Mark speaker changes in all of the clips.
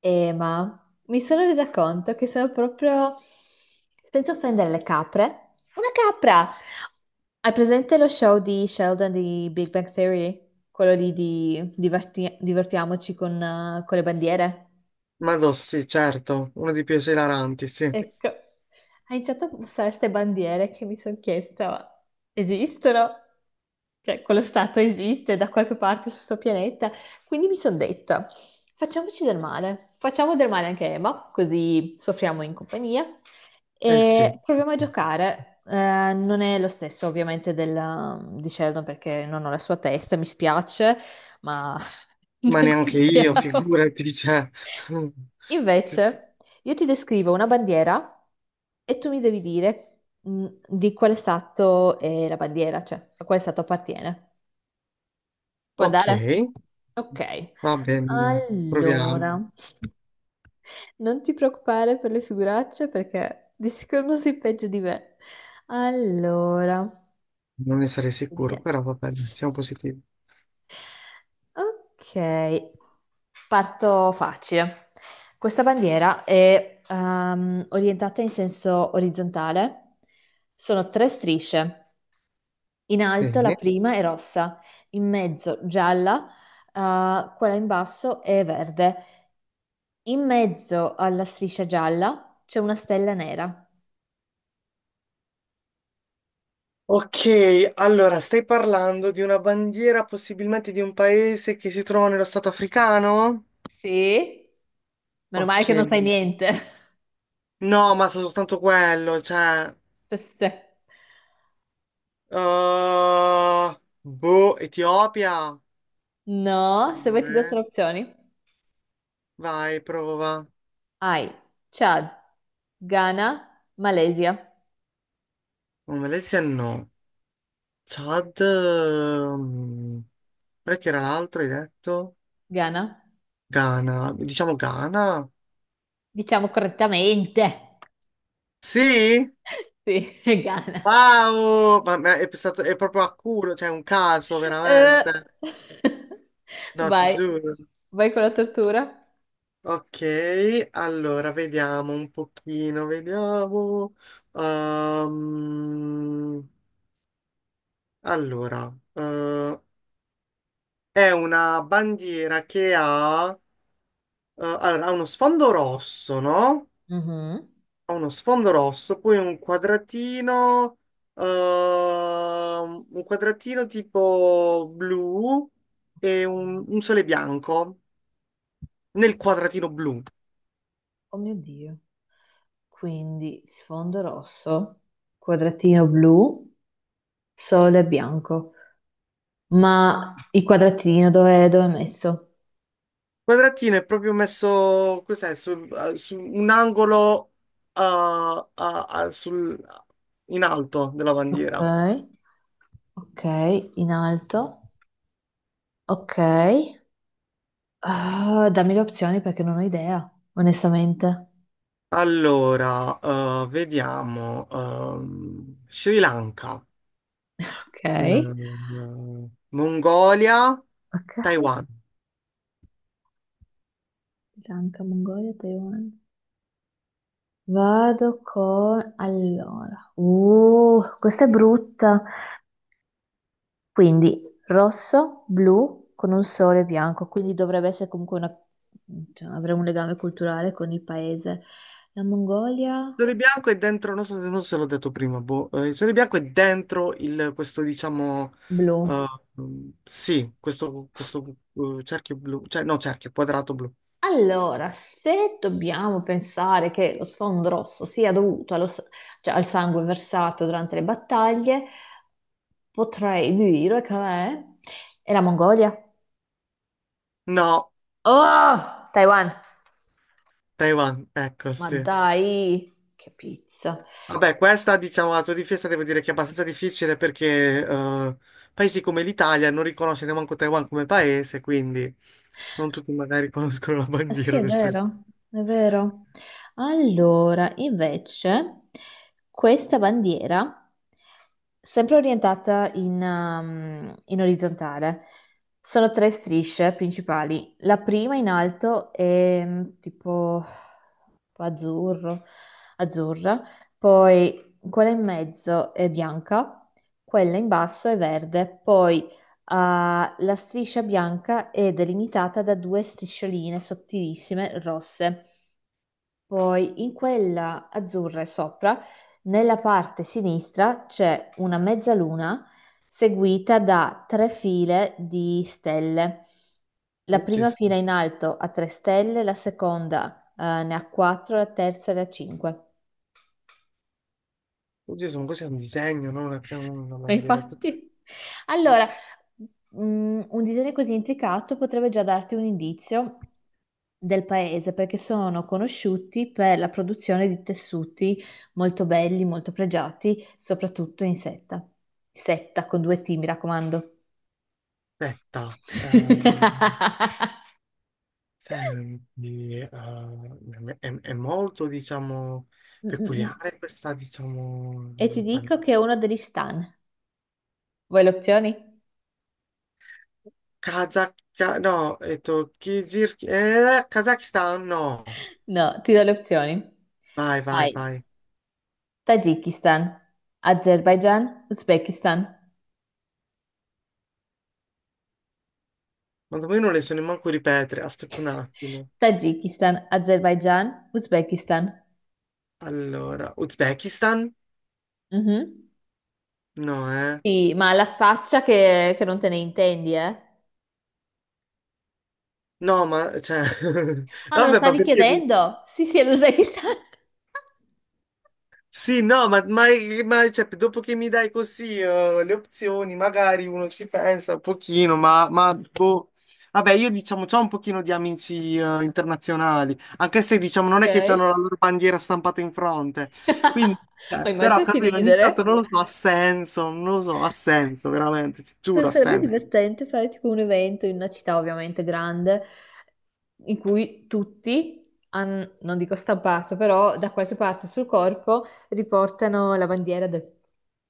Speaker 1: Ma mi sono resa conto che sono proprio, senza offendere le capre, una capra. Hai presente lo show di Sheldon di Big Bang Theory? Quello lì di divertiamoci con le bandiere?
Speaker 2: Ma do, sì, certo, uno dei più esilaranti, sì.
Speaker 1: Ecco, ha iniziato a mostrare queste bandiere che mi sono chiesta, ma esistono? Cioè, quello stato esiste da qualche parte sul suo pianeta. Quindi mi sono detta, facciamoci del male. Facciamo del male anche a Emma, così soffriamo in compagnia.
Speaker 2: Eh sì,
Speaker 1: E proviamo a giocare. Non è lo stesso ovviamente di Sheldon perché non ho la sua testa, mi spiace, ma
Speaker 2: ma
Speaker 1: non ci
Speaker 2: neanche io,
Speaker 1: siamo.
Speaker 2: figurati, cioè.
Speaker 1: Invece, io ti descrivo una bandiera e tu mi devi dire di quale stato è la bandiera, cioè a quale stato appartiene. Può
Speaker 2: Ok,
Speaker 1: andare? Ok.
Speaker 2: va bene, dai, proviamo.
Speaker 1: Allora, non ti preoccupare per le figuracce perché di sicuro non sei peggio di me. Allora,
Speaker 2: Non ne sarei sicuro,
Speaker 1: vediamo.
Speaker 2: però va bene, siamo positivi.
Speaker 1: Ok, parto facile. Questa bandiera è orientata in senso orizzontale. Sono tre strisce. In alto la
Speaker 2: Sì.
Speaker 1: prima è rossa, in mezzo gialla, quella in basso è verde. In mezzo alla striscia gialla c'è una stella nera.
Speaker 2: Ok, allora, stai parlando di una bandiera, possibilmente di un paese che si trova nello stato africano?
Speaker 1: Sì? Meno male
Speaker 2: Ok.
Speaker 1: che non sai niente.
Speaker 2: No, ma so soltanto quello, cioè...
Speaker 1: Se.
Speaker 2: uh, boh, Etiopia? No,
Speaker 1: No, se vuoi ti do tre
Speaker 2: eh.
Speaker 1: opzioni.
Speaker 2: Vai, prova.
Speaker 1: Hai Chad, Ghana, Malesia.
Speaker 2: Oh, Malesia no. Chad, mm, qual è che era l'altro, hai detto?
Speaker 1: Ghana.
Speaker 2: Ghana, diciamo Ghana?
Speaker 1: Diciamo correttamente.
Speaker 2: Sì?
Speaker 1: Sì, è Ghana.
Speaker 2: Wow! Ma è, stato, è proprio a culo, cioè un caso
Speaker 1: Eh.
Speaker 2: veramente. No, ti
Speaker 1: Vai.
Speaker 2: giuro.
Speaker 1: Vai con la tortura.
Speaker 2: Ok, allora vediamo un pochino, vediamo. Ehm, allora, è una bandiera che ha, allora, ha uno sfondo rosso, no?
Speaker 1: Mhm.
Speaker 2: Ha uno sfondo rosso, poi un quadratino tipo blu
Speaker 1: Ok.
Speaker 2: e un sole bianco nel quadratino blu. Il
Speaker 1: Oh mio Dio. Quindi sfondo rosso, quadratino blu, sole bianco. Ma il quadratino dove, dove è messo?
Speaker 2: quadratino è proprio messo, cos'è, su, su un angolo eh, a- a- sul- in alto della
Speaker 1: Ok,
Speaker 2: bandiera.
Speaker 1: ok, in alto. Ok. Ah, dammi le opzioni perché non ho idea, onestamente.
Speaker 2: Allora, vediamo, Sri Lanka,
Speaker 1: Ok,
Speaker 2: Mongolia,
Speaker 1: ok.
Speaker 2: Taiwan.
Speaker 1: Sri Lanka, Mongolia, Taiwan. Vado con... Allora. Questa è brutta. Quindi rosso, blu con un sole bianco, quindi dovrebbe essere comunque una... cioè, avere un legame culturale con il paese. La Mongolia,
Speaker 2: Sole Bianco è dentro, non so, non so se l'ho detto prima, boh. Il Sole Bianco è dentro il- questo, diciamo,
Speaker 1: blu.
Speaker 2: eh, mm, sì, questo cerchio blu, cioè no, cerchio, quadrato blu.
Speaker 1: Allora, se dobbiamo pensare che lo sfondo rosso sia dovuto allo cioè, al sangue versato durante le battaglie, potrei dire che è la Mongolia.
Speaker 2: No,
Speaker 1: Oh, Taiwan!
Speaker 2: Taiwan, ecco,
Speaker 1: Ma
Speaker 2: sì.
Speaker 1: dai, che pizza!
Speaker 2: Vabbè, questa, diciamo, a tua difesa devo dire che è abbastanza difficile perché paesi come l'Italia non riconosce neanche Taiwan come paese, quindi non tutti magari conoscono la
Speaker 1: Eh sì,
Speaker 2: bandiera
Speaker 1: è
Speaker 2: del Taiwan.
Speaker 1: vero, è vero. Allora, invece, questa bandiera, sempre orientata in orizzontale, sono tre strisce principali. La prima in alto è tipo azzurro, azzurra, poi quella in mezzo è bianca, quella in basso è verde, poi ah, la striscia bianca è delimitata da due striscioline sottilissime rosse. Poi in quella azzurra sopra, nella parte sinistra, c'è una mezzaluna seguita da tre file di stelle. La
Speaker 2: Oh
Speaker 1: prima
Speaker 2: Gesù,
Speaker 1: fila in alto ha tre stelle, la seconda, ne ha quattro, la terza ne ha cinque.
Speaker 2: oh Gesù, ma cos'è un disegno, non una, una
Speaker 1: Ma
Speaker 2: bandiera? Cos'è?
Speaker 1: infatti, allora, un disegno così intricato potrebbe già darti un indizio del paese perché sono conosciuti per la produzione di tessuti molto belli, molto pregiati, soprattutto in setta. Setta con due T, mi raccomando.
Speaker 2: Aspetta, senti, è molto, diciamo,
Speaker 1: Mm, mm, mm.
Speaker 2: peculiare questa,
Speaker 1: E ti
Speaker 2: diciamo, pan-
Speaker 1: dico che è uno degli stan. Vuoi le opzioni?
Speaker 2: Kazakh, no, è Kirghizir, Kazakistan, no.
Speaker 1: No, ti do le opzioni.
Speaker 2: Vai, vai,
Speaker 1: Vai.
Speaker 2: vai.
Speaker 1: Tagikistan, Azerbaijan, Uzbekistan.
Speaker 2: Ma io non le so nemmeno ripetere, aspetta un attimo.
Speaker 1: Tagikistan, Azerbaijan, Uzbekistan.
Speaker 2: Allora, Uzbekistan?
Speaker 1: Mhm.
Speaker 2: No, eh.
Speaker 1: Sì, ma la faccia che non te ne intendi, eh?
Speaker 2: No, ma, cioè,
Speaker 1: Ah, me lo
Speaker 2: vabbè, ma
Speaker 1: stavi
Speaker 2: perché?
Speaker 1: chiedendo? Sì, sì, è l'Uzbekistan.
Speaker 2: Sì, no, ma, cioè, dopo che mi dai così le opzioni, magari uno ci pensa un pochino, ma, boh. Vabbè, io diciamo, c'ho un pochino di amici internazionali, anche se diciamo non è che hanno
Speaker 1: Ok.
Speaker 2: la loro bandiera stampata in fronte. Quindi,
Speaker 1: Ma
Speaker 2: però,
Speaker 1: immaginati
Speaker 2: capito, ogni
Speaker 1: ridere.
Speaker 2: tanto non lo so, ha senso, non lo so, ha senso, veramente, ti
Speaker 1: Però
Speaker 2: giuro, ha
Speaker 1: sarebbe
Speaker 2: senso.
Speaker 1: divertente fare tipo un evento in una città ovviamente grande, in cui tutti, non dico stampato, però da qualche parte sul corpo riportano la bandiera del,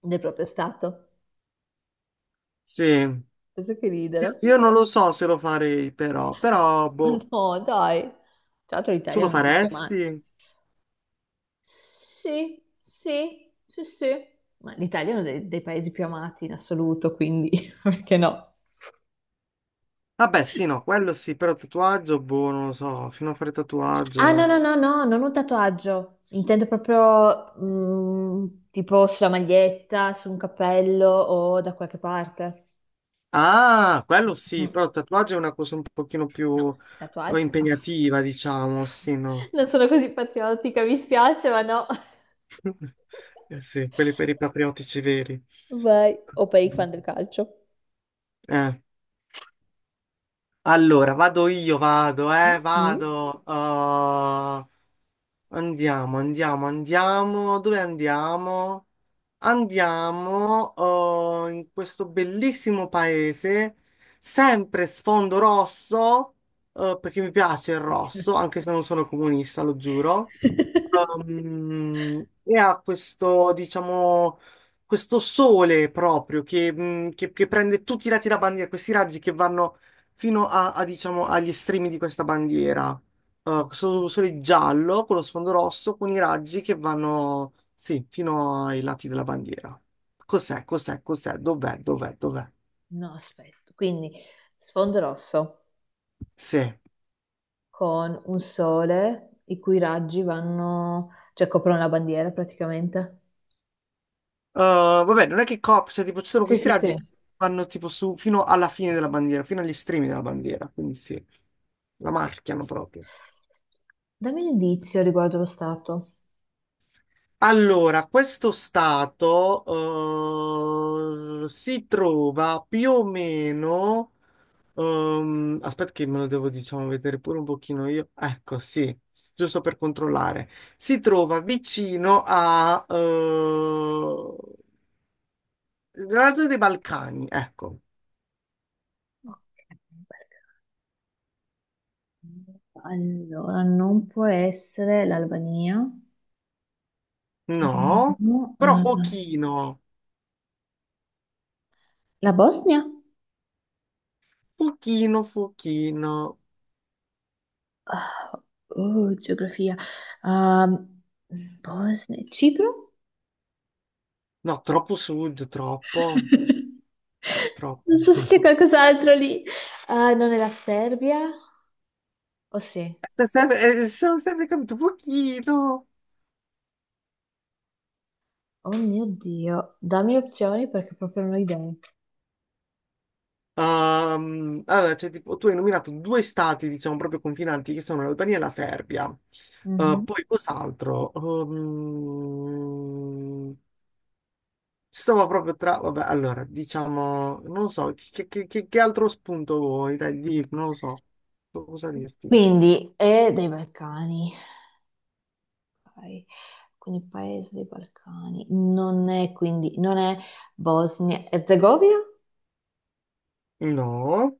Speaker 1: del proprio stato.
Speaker 2: Sì,
Speaker 1: Penso che ridere.
Speaker 2: io non lo so se lo farei, però, però,
Speaker 1: Ma
Speaker 2: boh,
Speaker 1: no, dai. Tra l'altro
Speaker 2: tu
Speaker 1: l'Italia
Speaker 2: lo
Speaker 1: non è più male.
Speaker 2: faresti?
Speaker 1: Sì, sì, sì, sì. Ma l'Italia è uno dei paesi più amati in assoluto, quindi perché no?
Speaker 2: Vabbè, sì, no, quello sì, però tatuaggio, boh, non lo so, fino a fare
Speaker 1: Ah, no,
Speaker 2: tatuaggio.
Speaker 1: no, no, no, non un tatuaggio. Intendo proprio tipo sulla maglietta, su un cappello o da qualche parte.
Speaker 2: Ah, quello sì,
Speaker 1: Mm,
Speaker 2: però tatuaggio è una cosa un pochino
Speaker 1: no,
Speaker 2: più
Speaker 1: tatuaggi no.
Speaker 2: impegnativa, diciamo, sì, no.
Speaker 1: Non sono così patriottica, mi spiace, ma no.
Speaker 2: Eh sì, quelli per i patriottici veri.
Speaker 1: Vai, o per i fan del calcio.
Speaker 2: Eh. Allora, vado io, vado,
Speaker 1: Mm, mm.
Speaker 2: vado. Andiamo, andiamo, andiamo. Dove andiamo? Andiamo in questo bellissimo paese, sempre sfondo rosso, perché mi piace il rosso, anche se non sono comunista, lo giuro. E ha questo, diciamo, questo sole proprio che prende tutti i lati da bandiera, questi raggi che vanno fino a, a, diciamo, agli estremi di questa bandiera.
Speaker 1: Ok.
Speaker 2: Questo sole giallo con lo sfondo rosso con i raggi che vanno, sì, fino ai lati della bandiera. Cos'è, cos'è, cos'è, dov'è, dov'è, dov'è?
Speaker 1: No, aspetto. Quindi sfondo rosso
Speaker 2: Sì.
Speaker 1: con un sole i cui raggi vanno, cioè coprono la bandiera praticamente.
Speaker 2: Vabbè, non è che copre, cioè tipo ci sono
Speaker 1: Sì,
Speaker 2: questi
Speaker 1: sì,
Speaker 2: raggi
Speaker 1: sì.
Speaker 2: che vanno tipo su fino alla fine della bandiera, fino agli estremi della bandiera, quindi sì, la marchiano proprio.
Speaker 1: Dammi un indizio riguardo lo stato.
Speaker 2: Allora, questo stato si trova più o meno aspetta che me lo devo, diciamo, vedere pure un pochino io. Ecco, sì, giusto per controllare. Si trova vicino a... la zona dei Balcani, ecco.
Speaker 1: Ok, perché- Allora, non può essere l'Albania,
Speaker 2: No,
Speaker 1: No,
Speaker 2: però pochino,
Speaker 1: la Bosnia?
Speaker 2: pochino, pochino.
Speaker 1: Ah, oh, geografia. Ehm, Bosnia, Cipro?
Speaker 2: No, troppo sud, troppo, troppo.
Speaker 1: Non so se c'è qualcos'altro lì. Ah, non è la Serbia? O sì?
Speaker 2: Se- se- Ho sempre capito, pochino.
Speaker 1: Oh mio Dio, dammi opzioni perché proprio non ho idee.
Speaker 2: Allora, cioè, tipo, tu hai nominato due stati, diciamo, proprio confinanti, che sono l'Albania e la Serbia.
Speaker 1: Mhm.
Speaker 2: Poi cos'altro? Stavo proprio tra... Vabbè, allora, diciamo, non lo so, che, che altro spunto vuoi? Dai, di, non lo so, cosa dirti?
Speaker 1: Quindi è dei Balcani. Ok. Quindi paese dei Balcani. Non è quindi, non è Bosnia e Herzegovina?
Speaker 2: No,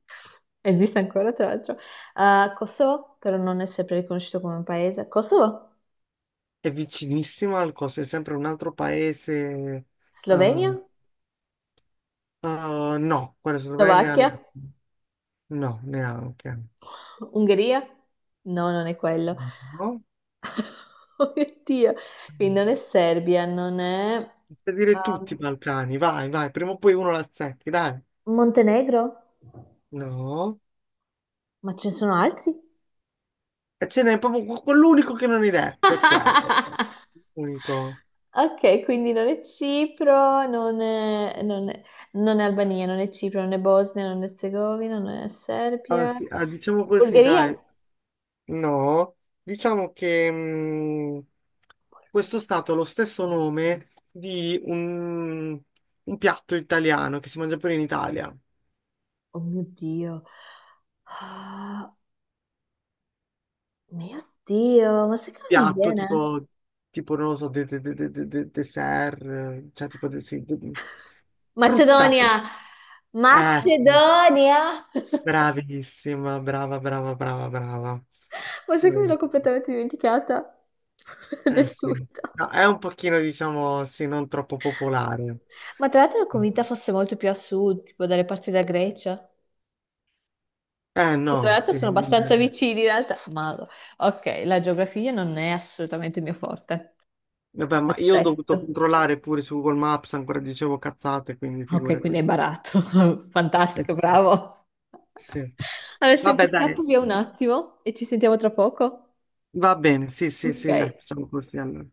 Speaker 1: Esiste ancora, tra l'altro. Ah, Kosovo, però non è sempre riconosciuto come un paese. Kosovo?
Speaker 2: è vicinissimo al coso, è sempre un altro paese.
Speaker 1: Slovenia?
Speaker 2: ehm, no, quella Slovenia no,
Speaker 1: Slovacchia?
Speaker 2: neanche.
Speaker 1: Ungheria? No, non è quello.
Speaker 2: No.
Speaker 1: Oh mio Dio, quindi non è Serbia, non è
Speaker 2: Per dire tutti i
Speaker 1: ehm,
Speaker 2: Balcani, vai, vai, prima o poi uno la azzetti, dai.
Speaker 1: Montenegro?
Speaker 2: No.
Speaker 1: Ma ce ne sono altri?
Speaker 2: E ce n'è proprio quell'unico che non hai detto, è quello. Unico.
Speaker 1: Ok, quindi non è Cipro, non è Albania, non è Cipro, non è Bosnia, non è Erzegovina, non è
Speaker 2: Ah,
Speaker 1: Serbia.
Speaker 2: sì, ah, diciamo così,
Speaker 1: Bulgaria?
Speaker 2: dai. No. Diciamo che
Speaker 1: Bulgaria.
Speaker 2: questo stato ha lo stesso nome di un piatto italiano che si mangia pure in Italia.
Speaker 1: Oh mio Dio. Ah, mio Dio, ma sai che non mi
Speaker 2: Piatto
Speaker 1: viene?
Speaker 2: tipo, tipo non lo so, dessert, cioè tipo, de- sì, de- frutta.
Speaker 1: Macedonia!
Speaker 2: Ecco.
Speaker 1: Macedonia!
Speaker 2: Bravissima, brava, brava, brava, brava.
Speaker 1: Ma sai che me
Speaker 2: Eh
Speaker 1: l'ho completamente dimenticata
Speaker 2: eh
Speaker 1: del
Speaker 2: sì,
Speaker 1: tutto.
Speaker 2: no, è un pochino, diciamo, sì, non troppo popolare.
Speaker 1: Ma tra l'altro ero convinta fosse molto più a sud, tipo dalle parti della Grecia.
Speaker 2: Eh
Speaker 1: E tra
Speaker 2: no,
Speaker 1: l'altro
Speaker 2: sì.
Speaker 1: sono abbastanza
Speaker 2: Eh.
Speaker 1: vicini in realtà. Ma ok, la geografia non è assolutamente il mio forte.
Speaker 2: Vabbè, ma io ho dovuto
Speaker 1: Perfetto.
Speaker 2: controllare pure su Google Maps, ancora dicevo cazzate, quindi
Speaker 1: Ok, quindi
Speaker 2: figurati.
Speaker 1: hai barato.
Speaker 2: Eh,
Speaker 1: Fantastico, bravo.
Speaker 2: sì.
Speaker 1: Allora,
Speaker 2: Vabbè,
Speaker 1: senti, scappo
Speaker 2: dai,
Speaker 1: via un attimo e ci sentiamo tra poco.
Speaker 2: va bene, sì, sì, sì, dai,
Speaker 1: Ok.
Speaker 2: facciamo così allora.